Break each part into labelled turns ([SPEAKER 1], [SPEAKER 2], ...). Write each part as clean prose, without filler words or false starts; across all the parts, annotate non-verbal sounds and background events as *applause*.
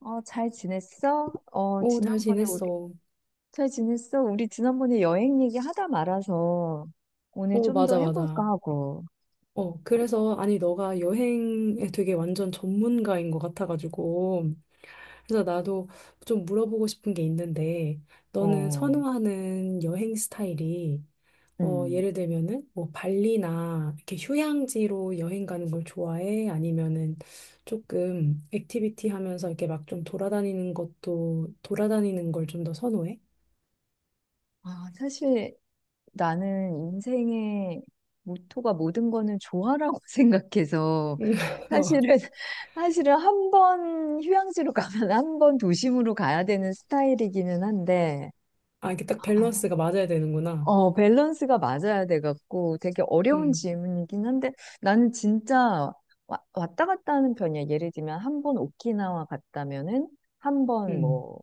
[SPEAKER 1] 어, 잘 지냈어? 어,
[SPEAKER 2] 어, 잘
[SPEAKER 1] 지난번에 우리,
[SPEAKER 2] 지냈어. 어,
[SPEAKER 1] 잘 지냈어? 우리 지난번에 여행 얘기 하다 말아서 오늘 좀 더
[SPEAKER 2] 맞아,
[SPEAKER 1] 해볼까
[SPEAKER 2] 맞아.
[SPEAKER 1] 하고,
[SPEAKER 2] 어, 그래서, 아니, 너가 여행에 되게 완전 전문가인 것 같아가지고, 그래서 나도 좀 물어보고 싶은 게 있는데, 너는
[SPEAKER 1] 어,
[SPEAKER 2] 선호하는 여행 스타일이, 어,
[SPEAKER 1] 음.
[SPEAKER 2] 예를 들면은, 뭐, 발리나, 이렇게 휴양지로 여행 가는 걸 좋아해? 아니면은, 조금, 액티비티 하면서 이렇게 막 좀 돌아다니는 것도, 돌아다니는 걸 좀 더 선호해?
[SPEAKER 1] 아, 사실 나는 인생의 모토가 모든 거는 좋아라고 *laughs* 생각해서
[SPEAKER 2] *laughs* 어.
[SPEAKER 1] 사실은, 사실은 한 번 휴양지로 가면 한 번 도심으로 가야 되는 스타일이기는 한데,
[SPEAKER 2] 아, 이게 딱
[SPEAKER 1] 아,
[SPEAKER 2] 밸런스가 맞아야 되는구나.
[SPEAKER 1] 어, 밸런스가 맞아야 돼갖고 되게 어려운
[SPEAKER 2] 음,
[SPEAKER 1] 질문이긴 한데 나는 진짜 왔다 갔다 하는 편이야. 예를 들면 한 번 오키나와 갔다면은 한 번
[SPEAKER 2] 음.
[SPEAKER 1] 뭐,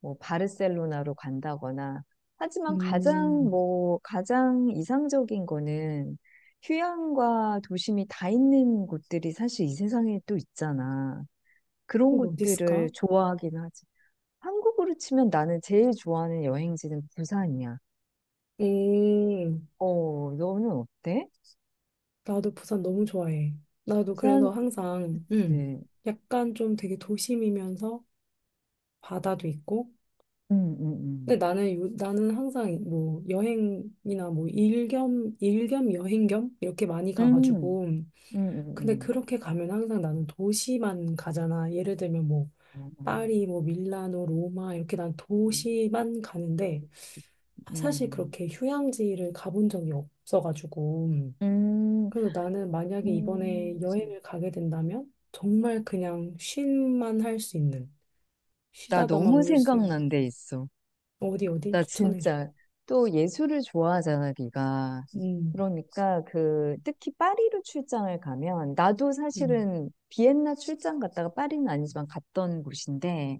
[SPEAKER 1] 뭐 바르셀로나로 간다거나 하지만 가장
[SPEAKER 2] 음,
[SPEAKER 1] 뭐 가장 이상적인 거는 휴양과 도심이 다 있는 곳들이 사실 이 세상에 또 있잖아. 그런
[SPEAKER 2] 그럼 어디 있을까?
[SPEAKER 1] 곳들을 좋아하긴 하지. 한국으로 치면 나는 제일 좋아하는 여행지는 부산이야.
[SPEAKER 2] 음,
[SPEAKER 1] 어, 너는 어때?
[SPEAKER 2] 나도 부산 너무 좋아해. 나도
[SPEAKER 1] 부산,
[SPEAKER 2] 그래서 항상,
[SPEAKER 1] 그치.
[SPEAKER 2] 약간 좀 되게 도심이면서 바다도 있고.
[SPEAKER 1] 음, 음.
[SPEAKER 2] 근데 나는 항상 뭐 여행이나 뭐 일겸 여행 겸 이렇게 많이
[SPEAKER 1] 음,
[SPEAKER 2] 가가지고.
[SPEAKER 1] 음,
[SPEAKER 2] 근데
[SPEAKER 1] 음,
[SPEAKER 2] 그렇게 가면 항상 나는 도시만 가잖아. 예를 들면 뭐
[SPEAKER 1] 어,
[SPEAKER 2] 파리, 뭐 밀라노, 로마 이렇게 난 도시만 가는데 사실
[SPEAKER 1] 음,
[SPEAKER 2] 그렇게 휴양지를 가본 적이 없어가지고.
[SPEAKER 1] 음,
[SPEAKER 2] 그래서 나는 만약에 이번에
[SPEAKER 1] 음.
[SPEAKER 2] 여행을 가게 된다면 정말 그냥 쉼만 할 수 있는
[SPEAKER 1] 나
[SPEAKER 2] 쉬다가만
[SPEAKER 1] 너무
[SPEAKER 2] 올 수 있는
[SPEAKER 1] 생각난 데 있어.
[SPEAKER 2] 어디 어디
[SPEAKER 1] 나
[SPEAKER 2] 추천해줘.
[SPEAKER 1] 진짜 또 예술을 좋아하잖아, 네가.
[SPEAKER 2] 음,
[SPEAKER 1] 그러니까 그 특히 파리로 출장을 가면 나도
[SPEAKER 2] 음,
[SPEAKER 1] 사실은 비엔나 출장 갔다가 파리는 아니지만 갔던 곳인데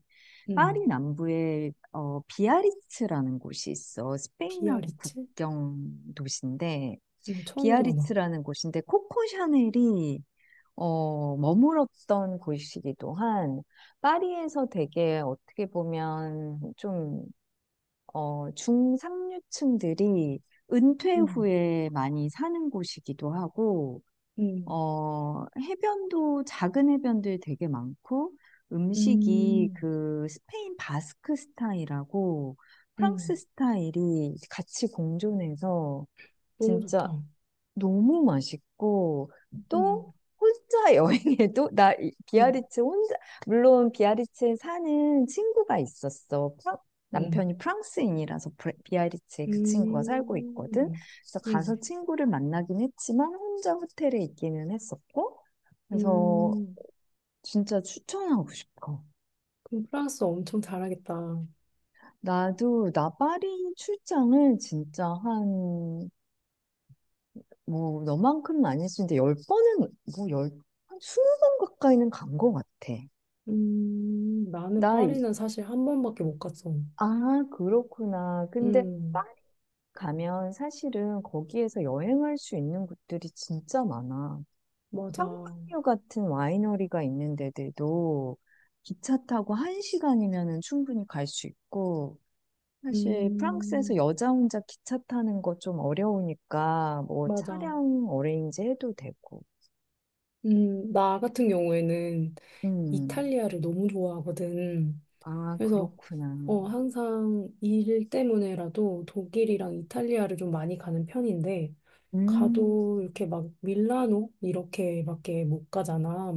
[SPEAKER 1] 파리
[SPEAKER 2] 음.
[SPEAKER 1] 남부에 어 비아리츠라는 곳이 있어. 스페인하고
[SPEAKER 2] 비아리츠?
[SPEAKER 1] 국경 도시인데
[SPEAKER 2] 처음 들어봐.
[SPEAKER 1] 비아리츠라는 곳인데 코코 샤넬이 어, 머물었던 곳이기도 한, 파리에서 되게 어떻게 보면 좀 어, 중상류층들이 은퇴
[SPEAKER 2] 음,
[SPEAKER 1] 후에 많이 사는 곳이기도 하고
[SPEAKER 2] 음,
[SPEAKER 1] 어, 해변도 작은 해변들 되게 많고 음식이
[SPEAKER 2] 음,
[SPEAKER 1] 그 스페인 바스크 스타일하고 프랑스
[SPEAKER 2] 음.
[SPEAKER 1] 스타일이 같이 공존해서
[SPEAKER 2] 너무
[SPEAKER 1] 진짜
[SPEAKER 2] 좋다.
[SPEAKER 1] 너무 맛있고 또
[SPEAKER 2] 음,
[SPEAKER 1] 혼자 *laughs* 여행해도 나
[SPEAKER 2] 음,
[SPEAKER 1] 비아리츠 혼자, 물론 비아리츠에 사는 친구가 있었어.
[SPEAKER 2] 음,
[SPEAKER 1] 남편이 프랑스인이라서 비아리츠에 그 친구가 살고 있거든.
[SPEAKER 2] 음,
[SPEAKER 1] 그래서 가서
[SPEAKER 2] 음,
[SPEAKER 1] 친구를 만나긴 했지만 혼자 호텔에 있기는 했었고 그래서
[SPEAKER 2] 음.
[SPEAKER 1] 진짜 추천하고 싶어.
[SPEAKER 2] 그럼 프랑스 엄청 잘하겠다.
[SPEAKER 1] 나도 나파리 출장을 진짜 한, 뭐 너만큼은 아니었는데 열 번은 뭐열한 스무 번 가까이는 간 것 같아.
[SPEAKER 2] 나는
[SPEAKER 1] 나,
[SPEAKER 2] 파리는 사실 한 번밖에 못 갔어.
[SPEAKER 1] 아, 그렇구나. 근데 딱
[SPEAKER 2] 음.
[SPEAKER 1] 가면 사실은 거기에서 여행할 수 있는 곳들이 진짜 많아.
[SPEAKER 2] 맞아.
[SPEAKER 1] 샹파뉴 같은 와이너리가 있는 데들도 기차 타고 한 시간이면은 충분히 갈 수 있고, 사실 프랑스에서
[SPEAKER 2] 음,
[SPEAKER 1] 여자 혼자 기차 타는 거 좀 어려우니까 뭐
[SPEAKER 2] 맞아.
[SPEAKER 1] 차량 어레인지 해도 되고.
[SPEAKER 2] 나 같은 경우에는
[SPEAKER 1] 음.
[SPEAKER 2] 이탈리아를 너무 좋아하거든.
[SPEAKER 1] 아,
[SPEAKER 2] 그래서,
[SPEAKER 1] 그렇구나.
[SPEAKER 2] 어, 항상 일 때문에라도 독일이랑 이탈리아를 좀 많이 가는 편인데,
[SPEAKER 1] 음,
[SPEAKER 2] 가도 이렇게 막 밀라노? 이렇게밖에 못 가잖아.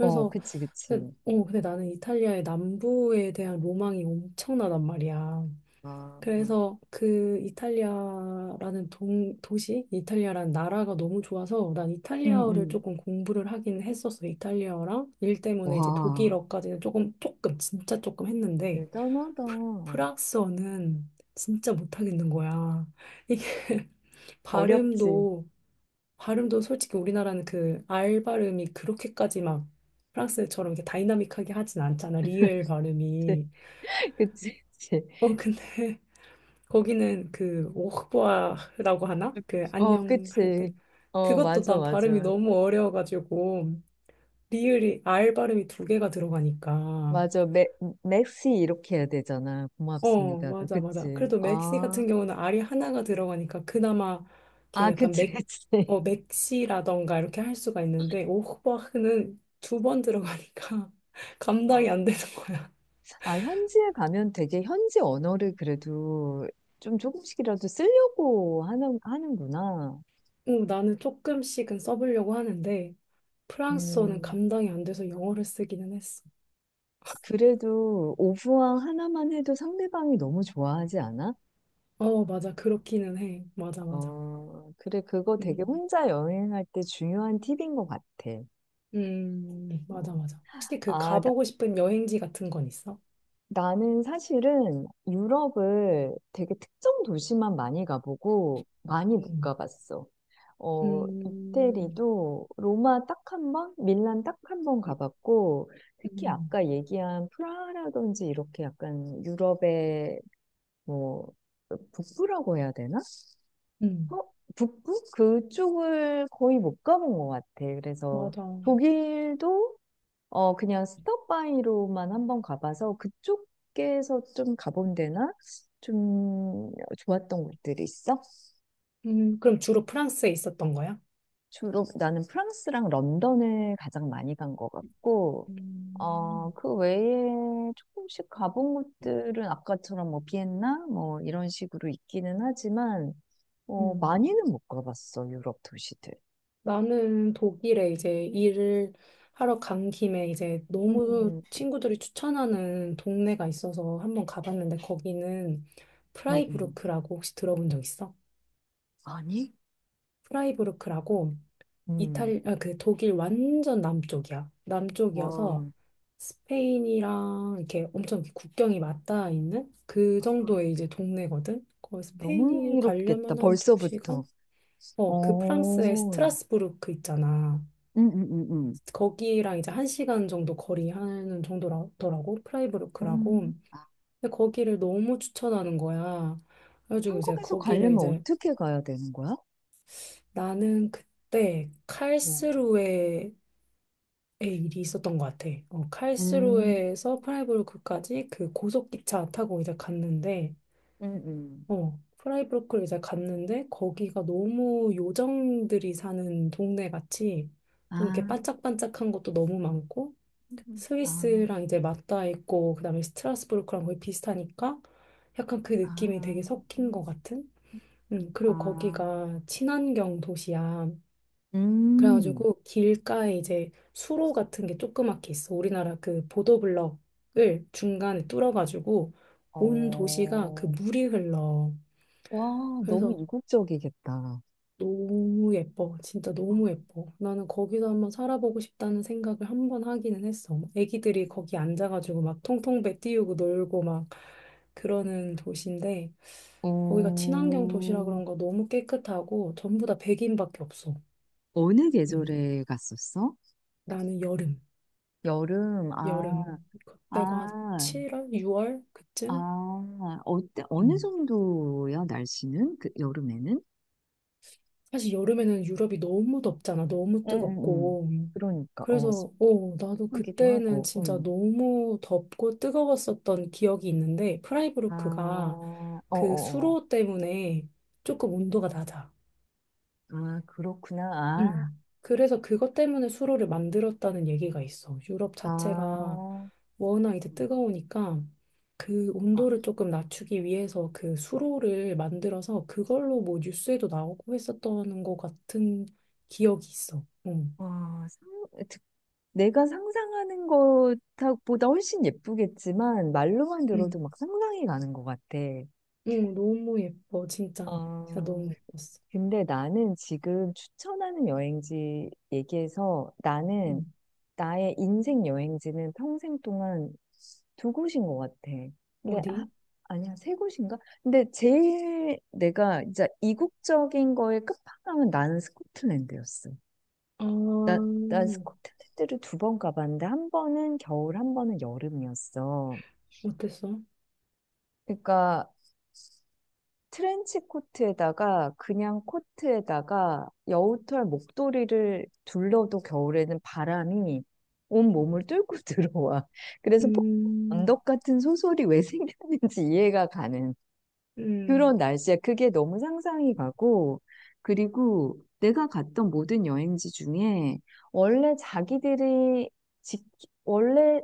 [SPEAKER 1] 어, 그치, 그치.
[SPEAKER 2] 근데, 어, 근데 나는 이탈리아의 남부에 대한 로망이 엄청나단 말이야.
[SPEAKER 1] 아,
[SPEAKER 2] 그래서 그 이탈리아라는 나라가 너무 좋아서 난
[SPEAKER 1] 음,
[SPEAKER 2] 이탈리아어를
[SPEAKER 1] 음.
[SPEAKER 2] 조금 공부를 하긴 했었어. 이탈리아어랑 일 때문에 이제
[SPEAKER 1] 와,
[SPEAKER 2] 독일어까지는 진짜 조금 했는데
[SPEAKER 1] 대단하다.
[SPEAKER 2] 프- 프랑스어는 진짜 못하겠는 거야. 이게 *laughs*
[SPEAKER 1] 어렵지.
[SPEAKER 2] 발음도, 발음도 솔직히 우리나라는 그 R 발음이 그렇게까지 막 프랑스처럼 이렇게 다이나믹하게 하진 않잖아. 리을 발음이.
[SPEAKER 1] *laughs* 그치, 그치.
[SPEAKER 2] 어, 근데 거기는 그 오흑보아라고 하나? 그
[SPEAKER 1] 어,
[SPEAKER 2] 안녕 할
[SPEAKER 1] 그치.
[SPEAKER 2] 때.
[SPEAKER 1] 어,
[SPEAKER 2] 그것도
[SPEAKER 1] 맞아,
[SPEAKER 2] 난 발음이
[SPEAKER 1] 맞아.
[SPEAKER 2] 너무 어려워가지고 리을이 R 발음이 두 개가 들어가니까.
[SPEAKER 1] 맞아. 맥, 맥시 이렇게 해야 되잖아.
[SPEAKER 2] 어,
[SPEAKER 1] 고맙습니다도.
[SPEAKER 2] 맞아, 맞아.
[SPEAKER 1] 그치.
[SPEAKER 2] 그래도 맥시
[SPEAKER 1] 아,
[SPEAKER 2] 같은 경우는 R이 하나가 들어가니까 그나마
[SPEAKER 1] 아,
[SPEAKER 2] 이렇게 약간
[SPEAKER 1] 그치, *laughs* 그치.
[SPEAKER 2] 어, 맥시라던가 이렇게 할 수가 있는데 오흑보아는 두 번 들어가니까 *laughs*
[SPEAKER 1] 아,
[SPEAKER 2] 감당이 안 되는 거야.
[SPEAKER 1] 아, 현지에 가면 되게 현지 언어를 그래도 좀 조금씩이라도 쓰려고 하는구나.
[SPEAKER 2] 어, 나는 조금씩은 써보려고 하는데 프랑스어는
[SPEAKER 1] 음,
[SPEAKER 2] 감당이 안 돼서 영어를 쓰기는 했어.
[SPEAKER 1] 그래도 오브왕 하나만 해도 상대방이 너무 좋아하지 않아?
[SPEAKER 2] 어, 맞아. 그렇기는 해. 맞아, 맞아.
[SPEAKER 1] 어, 그래, 그거 되게
[SPEAKER 2] 음,
[SPEAKER 1] 혼자 여행할 때 중요한 팁인 것 같아.
[SPEAKER 2] 맞아,
[SPEAKER 1] 어.
[SPEAKER 2] 맞아. 혹시 그
[SPEAKER 1] 아, 나,
[SPEAKER 2] 가보고 싶은 여행지 같은 건 있어?
[SPEAKER 1] 나는 사실은 유럽을 되게 특정 도시만 많이 가보고 많이 못
[SPEAKER 2] 음,
[SPEAKER 1] 가봤어. 어,
[SPEAKER 2] 음,
[SPEAKER 1] 이태리도 로마 딱 한 번, 밀란 딱 한 번 가봤고, 특히
[SPEAKER 2] 음,
[SPEAKER 1] 아까 얘기한 프라하라든지 이렇게 약간 유럽의 뭐, 북부라고 해야 되나?
[SPEAKER 2] 음,
[SPEAKER 1] 어? 북부? 그쪽을 거의 못 가본 것 같아. 그래서
[SPEAKER 2] 맞아.
[SPEAKER 1] 독일도 어 그냥 스톱바이로만 한번 가봐서 그쪽에서 좀 가본 데나 좀 좋았던 곳들이 있어?
[SPEAKER 2] 그럼 주로 프랑스에 있었던 거야?
[SPEAKER 1] 주로 나는 프랑스랑 런던을 가장 많이 간 것 같고 어
[SPEAKER 2] 음,
[SPEAKER 1] 그 외에 조금씩 가본 곳들은 아까처럼 뭐 비엔나 뭐 이런 식으로 있기는 하지만 어
[SPEAKER 2] 음.
[SPEAKER 1] 많이는 못 가봤어 유럽 도시들.
[SPEAKER 2] 나는 독일에 이제 일을 하러 간 김에 이제 너무
[SPEAKER 1] 음,
[SPEAKER 2] 친구들이 추천하는 동네가 있어서 한번 가봤는데 거기는
[SPEAKER 1] 음, 음.
[SPEAKER 2] 프라이부르크라고 혹시 들어본 적 있어?
[SPEAKER 1] 아니?
[SPEAKER 2] 프라이부르크라고
[SPEAKER 1] 음.
[SPEAKER 2] 그 독일 완전 남쪽이야.
[SPEAKER 1] 와,
[SPEAKER 2] 남쪽이어서 스페인이랑 이렇게 엄청 이렇게 국경이 맞닿아 있는 그 정도의 이제 동네거든. 거기
[SPEAKER 1] 너무
[SPEAKER 2] 스페인이
[SPEAKER 1] 흥미롭겠다.
[SPEAKER 2] 가려면 한
[SPEAKER 1] 벌써부터.
[SPEAKER 2] 두시간 어, 그 프랑스의
[SPEAKER 1] 어.
[SPEAKER 2] 스트라스부르크 있잖아.
[SPEAKER 1] 음, 음, 음.
[SPEAKER 2] 거기랑 이제 한시간 정도 거리 하는 정도라더라고.
[SPEAKER 1] 음.
[SPEAKER 2] 프라이부르크라고. 근데 거기를 너무 추천하는 거야. 그래가지고 이제
[SPEAKER 1] 한국에서
[SPEAKER 2] 거기를
[SPEAKER 1] 가려면
[SPEAKER 2] 이제
[SPEAKER 1] 어떻게 가야 되는 거야?
[SPEAKER 2] 나는 그때
[SPEAKER 1] 어.
[SPEAKER 2] 칼스루에 예, 일이 있었던 것 같아. 어,
[SPEAKER 1] 음,
[SPEAKER 2] 칼스루에서 프라이부르크까지 그 고속기차 타고 이제 갔는데,
[SPEAKER 1] 음, 음.
[SPEAKER 2] 어, 프라이부르크를 이제 갔는데, 거기가 너무 요정들이 사는 동네 같이, 좀 이렇게
[SPEAKER 1] 아,
[SPEAKER 2] 반짝반짝한 것도 너무 많고,
[SPEAKER 1] 아,
[SPEAKER 2] 스위스랑 이제 맞닿아 있고, 그 다음에 스트라스부르크랑 거의 비슷하니까, 약간 그 느낌이
[SPEAKER 1] 아,
[SPEAKER 2] 되게 섞인 것 같은? 그리고
[SPEAKER 1] 아.
[SPEAKER 2] 거기가 친환경 도시야.
[SPEAKER 1] 음.
[SPEAKER 2] 그래가지고 길가에 이제 수로 같은 게 조그맣게 있어. 우리나라 그 보도블럭을 중간에 뚫어가지고 온 도시가 그
[SPEAKER 1] 어.
[SPEAKER 2] 물이 흘러.
[SPEAKER 1] 와, 너무
[SPEAKER 2] 그래서
[SPEAKER 1] 이국적이겠다.
[SPEAKER 2] 너무 예뻐. 진짜 너무 예뻐. 나는 거기서 한번 살아보고 싶다는 생각을 한번 하기는 했어. 막 애기들이 거기 앉아가지고 막 통통배 띄우고 놀고 막 그러는 도시인데 거기가 친환경 도시라
[SPEAKER 1] 어,
[SPEAKER 2] 그런가 너무 깨끗하고 전부 다 백인밖에 없어.
[SPEAKER 1] 어느
[SPEAKER 2] 응.
[SPEAKER 1] 계절에 갔었어?
[SPEAKER 2] 나는 여름.
[SPEAKER 1] 여름, 아,
[SPEAKER 2] 여름 그때가
[SPEAKER 1] 아,
[SPEAKER 2] 7월, 6월 그쯤?
[SPEAKER 1] 아, 어때, 어느
[SPEAKER 2] 음.
[SPEAKER 1] 정도야, 날씨는? 그, 여름에는?
[SPEAKER 2] 사실 여름에는 유럽이 너무 덥잖아. 너무
[SPEAKER 1] 응응응.
[SPEAKER 2] 뜨겁고.
[SPEAKER 1] 그러니까 어
[SPEAKER 2] 그래서 어, 나도
[SPEAKER 1] 습하기도
[SPEAKER 2] 그때는
[SPEAKER 1] 하고.
[SPEAKER 2] 진짜
[SPEAKER 1] 응.
[SPEAKER 2] 너무 덥고 뜨거웠었던 기억이 있는데
[SPEAKER 1] 아,
[SPEAKER 2] 프라이부르크가 그
[SPEAKER 1] 어어어.
[SPEAKER 2] 수로 때문에 조금 온도가 낮아.
[SPEAKER 1] 아 그렇구나. 아,
[SPEAKER 2] 음. 그래서 그것 때문에 수로를 만들었다는 얘기가 있어. 유럽 자체가
[SPEAKER 1] 아,
[SPEAKER 2] 워낙 이제
[SPEAKER 1] 음.
[SPEAKER 2] 뜨거우니까 그
[SPEAKER 1] 아,
[SPEAKER 2] 온도를 조금 낮추기 위해서 그 수로를 만들어서 그걸로 뭐 뉴스에도 나오고 했었던 것 같은 기억이 있어. 응.
[SPEAKER 1] 와, 상, 듣- 내가 상상하는 것보다 훨씬 예쁘겠지만 말로만 들어도
[SPEAKER 2] 응.
[SPEAKER 1] 막 상상이 가는 것 같아.
[SPEAKER 2] 응, 너무 예뻐, 진짜. 진짜
[SPEAKER 1] 아,
[SPEAKER 2] 너무 예뻤어.
[SPEAKER 1] 근데 나는 지금 추천하는 여행지 얘기해서
[SPEAKER 2] 응.
[SPEAKER 1] 나는 나의 인생 여행지는 평생 동안 두 곳인 것 같아. 근데 아,
[SPEAKER 2] 어디?
[SPEAKER 1] 아니야 세 곳인가? 근데 제일 내가 진짜 이국적인 거에 끝판왕은 나는 스코틀랜드였어.
[SPEAKER 2] 아,
[SPEAKER 1] 나, 난 스코틀랜드를 두 번 가봤는데 한 번은 겨울, 한 번은 여름이었어.
[SPEAKER 2] 어땠어?
[SPEAKER 1] 그러니까 트렌치 코트에다가 그냥 코트에다가 여우털 목도리를 둘러도 겨울에는 바람이 온 몸을 뚫고 *laughs* 들어와. 그래서 폭
[SPEAKER 2] 음,
[SPEAKER 1] 언덕 같은 소설이 왜 생겼는지 이해가 가는. 그런
[SPEAKER 2] 음,
[SPEAKER 1] 날씨야. 그게 너무 상상이 가고, 그리고 내가 갔던 모든 여행지 중에 원래 자기들이 지, 원래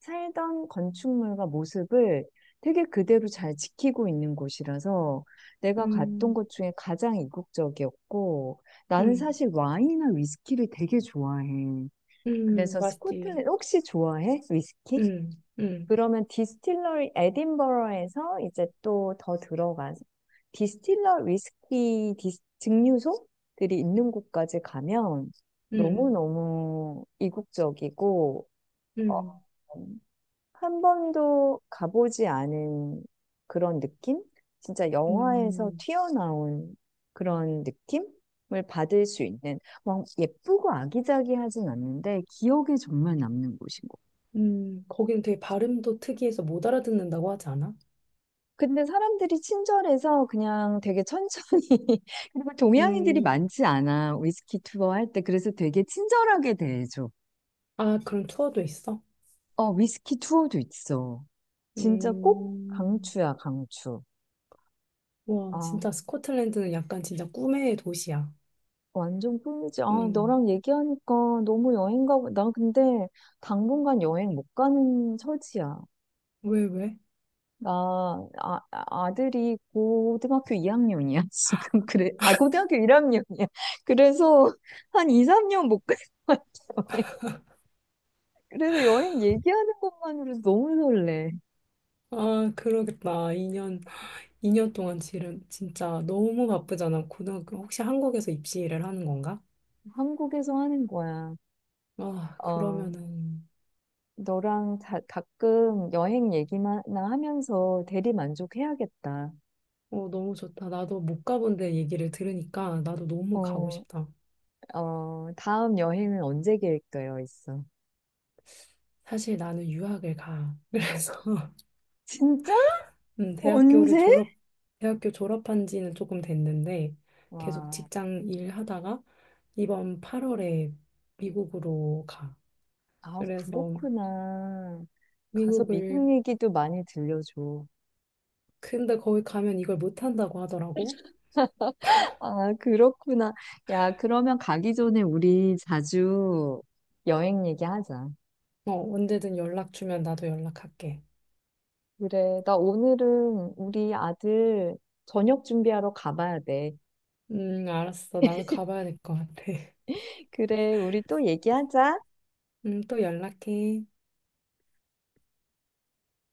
[SPEAKER 1] 살던 건축물과 모습을 되게 그대로 잘 지키고 있는 곳이라서 내가 갔던
[SPEAKER 2] 음,
[SPEAKER 1] 곳 중에 가장 이국적이었고, 나는
[SPEAKER 2] 음,
[SPEAKER 1] 사실 와인이나 위스키를 되게 좋아해. 그래서
[SPEAKER 2] 맛있지.
[SPEAKER 1] 스코틀랜드 혹시 좋아해? 위스키?
[SPEAKER 2] 음, 음.
[SPEAKER 1] 그러면 디스틸러리 에딘버러에서 이제 또 더 들어가서 디스틸러 위스키 증류소들이 있는 곳까지 가면
[SPEAKER 2] 음,
[SPEAKER 1] 너무너무 이국적이고 어,
[SPEAKER 2] 음,
[SPEAKER 1] 한 번도 가보지 않은 그런 느낌? 진짜 영화에서
[SPEAKER 2] 음,
[SPEAKER 1] 튀어나온 그런 느낌을 받을 수 있는 막 예쁘고 아기자기하진 않는데 기억에 정말 남는 곳인 것 같아요.
[SPEAKER 2] 거기는 되게 발음도 특이해서 못 알아듣는다고 하지 않아?
[SPEAKER 1] 근데 사람들이 친절해서 그냥 되게 천천히, *laughs* 그리고 동양인들이
[SPEAKER 2] 음,
[SPEAKER 1] 많지 않아. 위스키 투어 할 때. 그래서 되게 친절하게 대해줘.
[SPEAKER 2] 아, 그런 투어도 있어?
[SPEAKER 1] 어, 위스키 투어도 있어. 진짜 꼭
[SPEAKER 2] 음,
[SPEAKER 1] 강추야, 강추.
[SPEAKER 2] 와,
[SPEAKER 1] 아,
[SPEAKER 2] 진짜 스코틀랜드는 약간 진짜 꿈의 도시야.
[SPEAKER 1] 완전 꿀이지. 아,
[SPEAKER 2] 음,
[SPEAKER 1] 너랑 얘기하니까 너무 여행 가고, 나 근데 당분간 여행 못 가는 처지야.
[SPEAKER 2] 왜, 왜?
[SPEAKER 1] 나, 아들이 고등학교 이학년이야 *laughs* 지금. 그래. 아, 고등학교 1학년이야. 그래서 한 2, 3년 못 갈 것 같아. *laughs* 그래서 여행 얘기하는 것만으로도 너무 설레.
[SPEAKER 2] 아, 그러겠다. 2년 동안 진짜 너무 바쁘잖아. 고등학교, 혹시 한국에서 입시를 하는 건가?
[SPEAKER 1] 한국에서 하는 거야.
[SPEAKER 2] 아,
[SPEAKER 1] 어,
[SPEAKER 2] 그러면은,
[SPEAKER 1] 너랑 다, 가끔 여행 얘기만 나 하면서 대리 만족해야겠다.
[SPEAKER 2] 어, 너무 좋다. 나도 못 가본 데 얘기를 들으니까 나도 너무 가고
[SPEAKER 1] 어,
[SPEAKER 2] 싶다.
[SPEAKER 1] 어, 다음 여행은 언제 계획되어 있어?
[SPEAKER 2] 사실 나는 유학을 가. 그래서 *laughs*
[SPEAKER 1] 진짜?
[SPEAKER 2] 음, 대학교를
[SPEAKER 1] 언제?
[SPEAKER 2] 졸업, 대학교 졸업한 지는 조금 됐는데 계속
[SPEAKER 1] 와.
[SPEAKER 2] 직장 일하다가 이번 8월에 미국으로 가.
[SPEAKER 1] 아,
[SPEAKER 2] 그래서
[SPEAKER 1] 그렇구나. 가서
[SPEAKER 2] 미국을
[SPEAKER 1] 미국 얘기도 많이 들려줘.
[SPEAKER 2] 근데 거기 가면 이걸 못 한다고 하더라고.
[SPEAKER 1] 아, 그렇구나. 야, 그러면 가기 전에 우리 자주 여행 얘기하자.
[SPEAKER 2] 어, 언제든 연락 주면 나도 연락할게.
[SPEAKER 1] 그래, 나 오늘은 우리 아들 저녁 준비하러 가봐야 돼.
[SPEAKER 2] 알았어. 나도 가봐야 될 것 같아. *laughs*
[SPEAKER 1] 그래, 우리 또 얘기하자.
[SPEAKER 2] 또 연락해.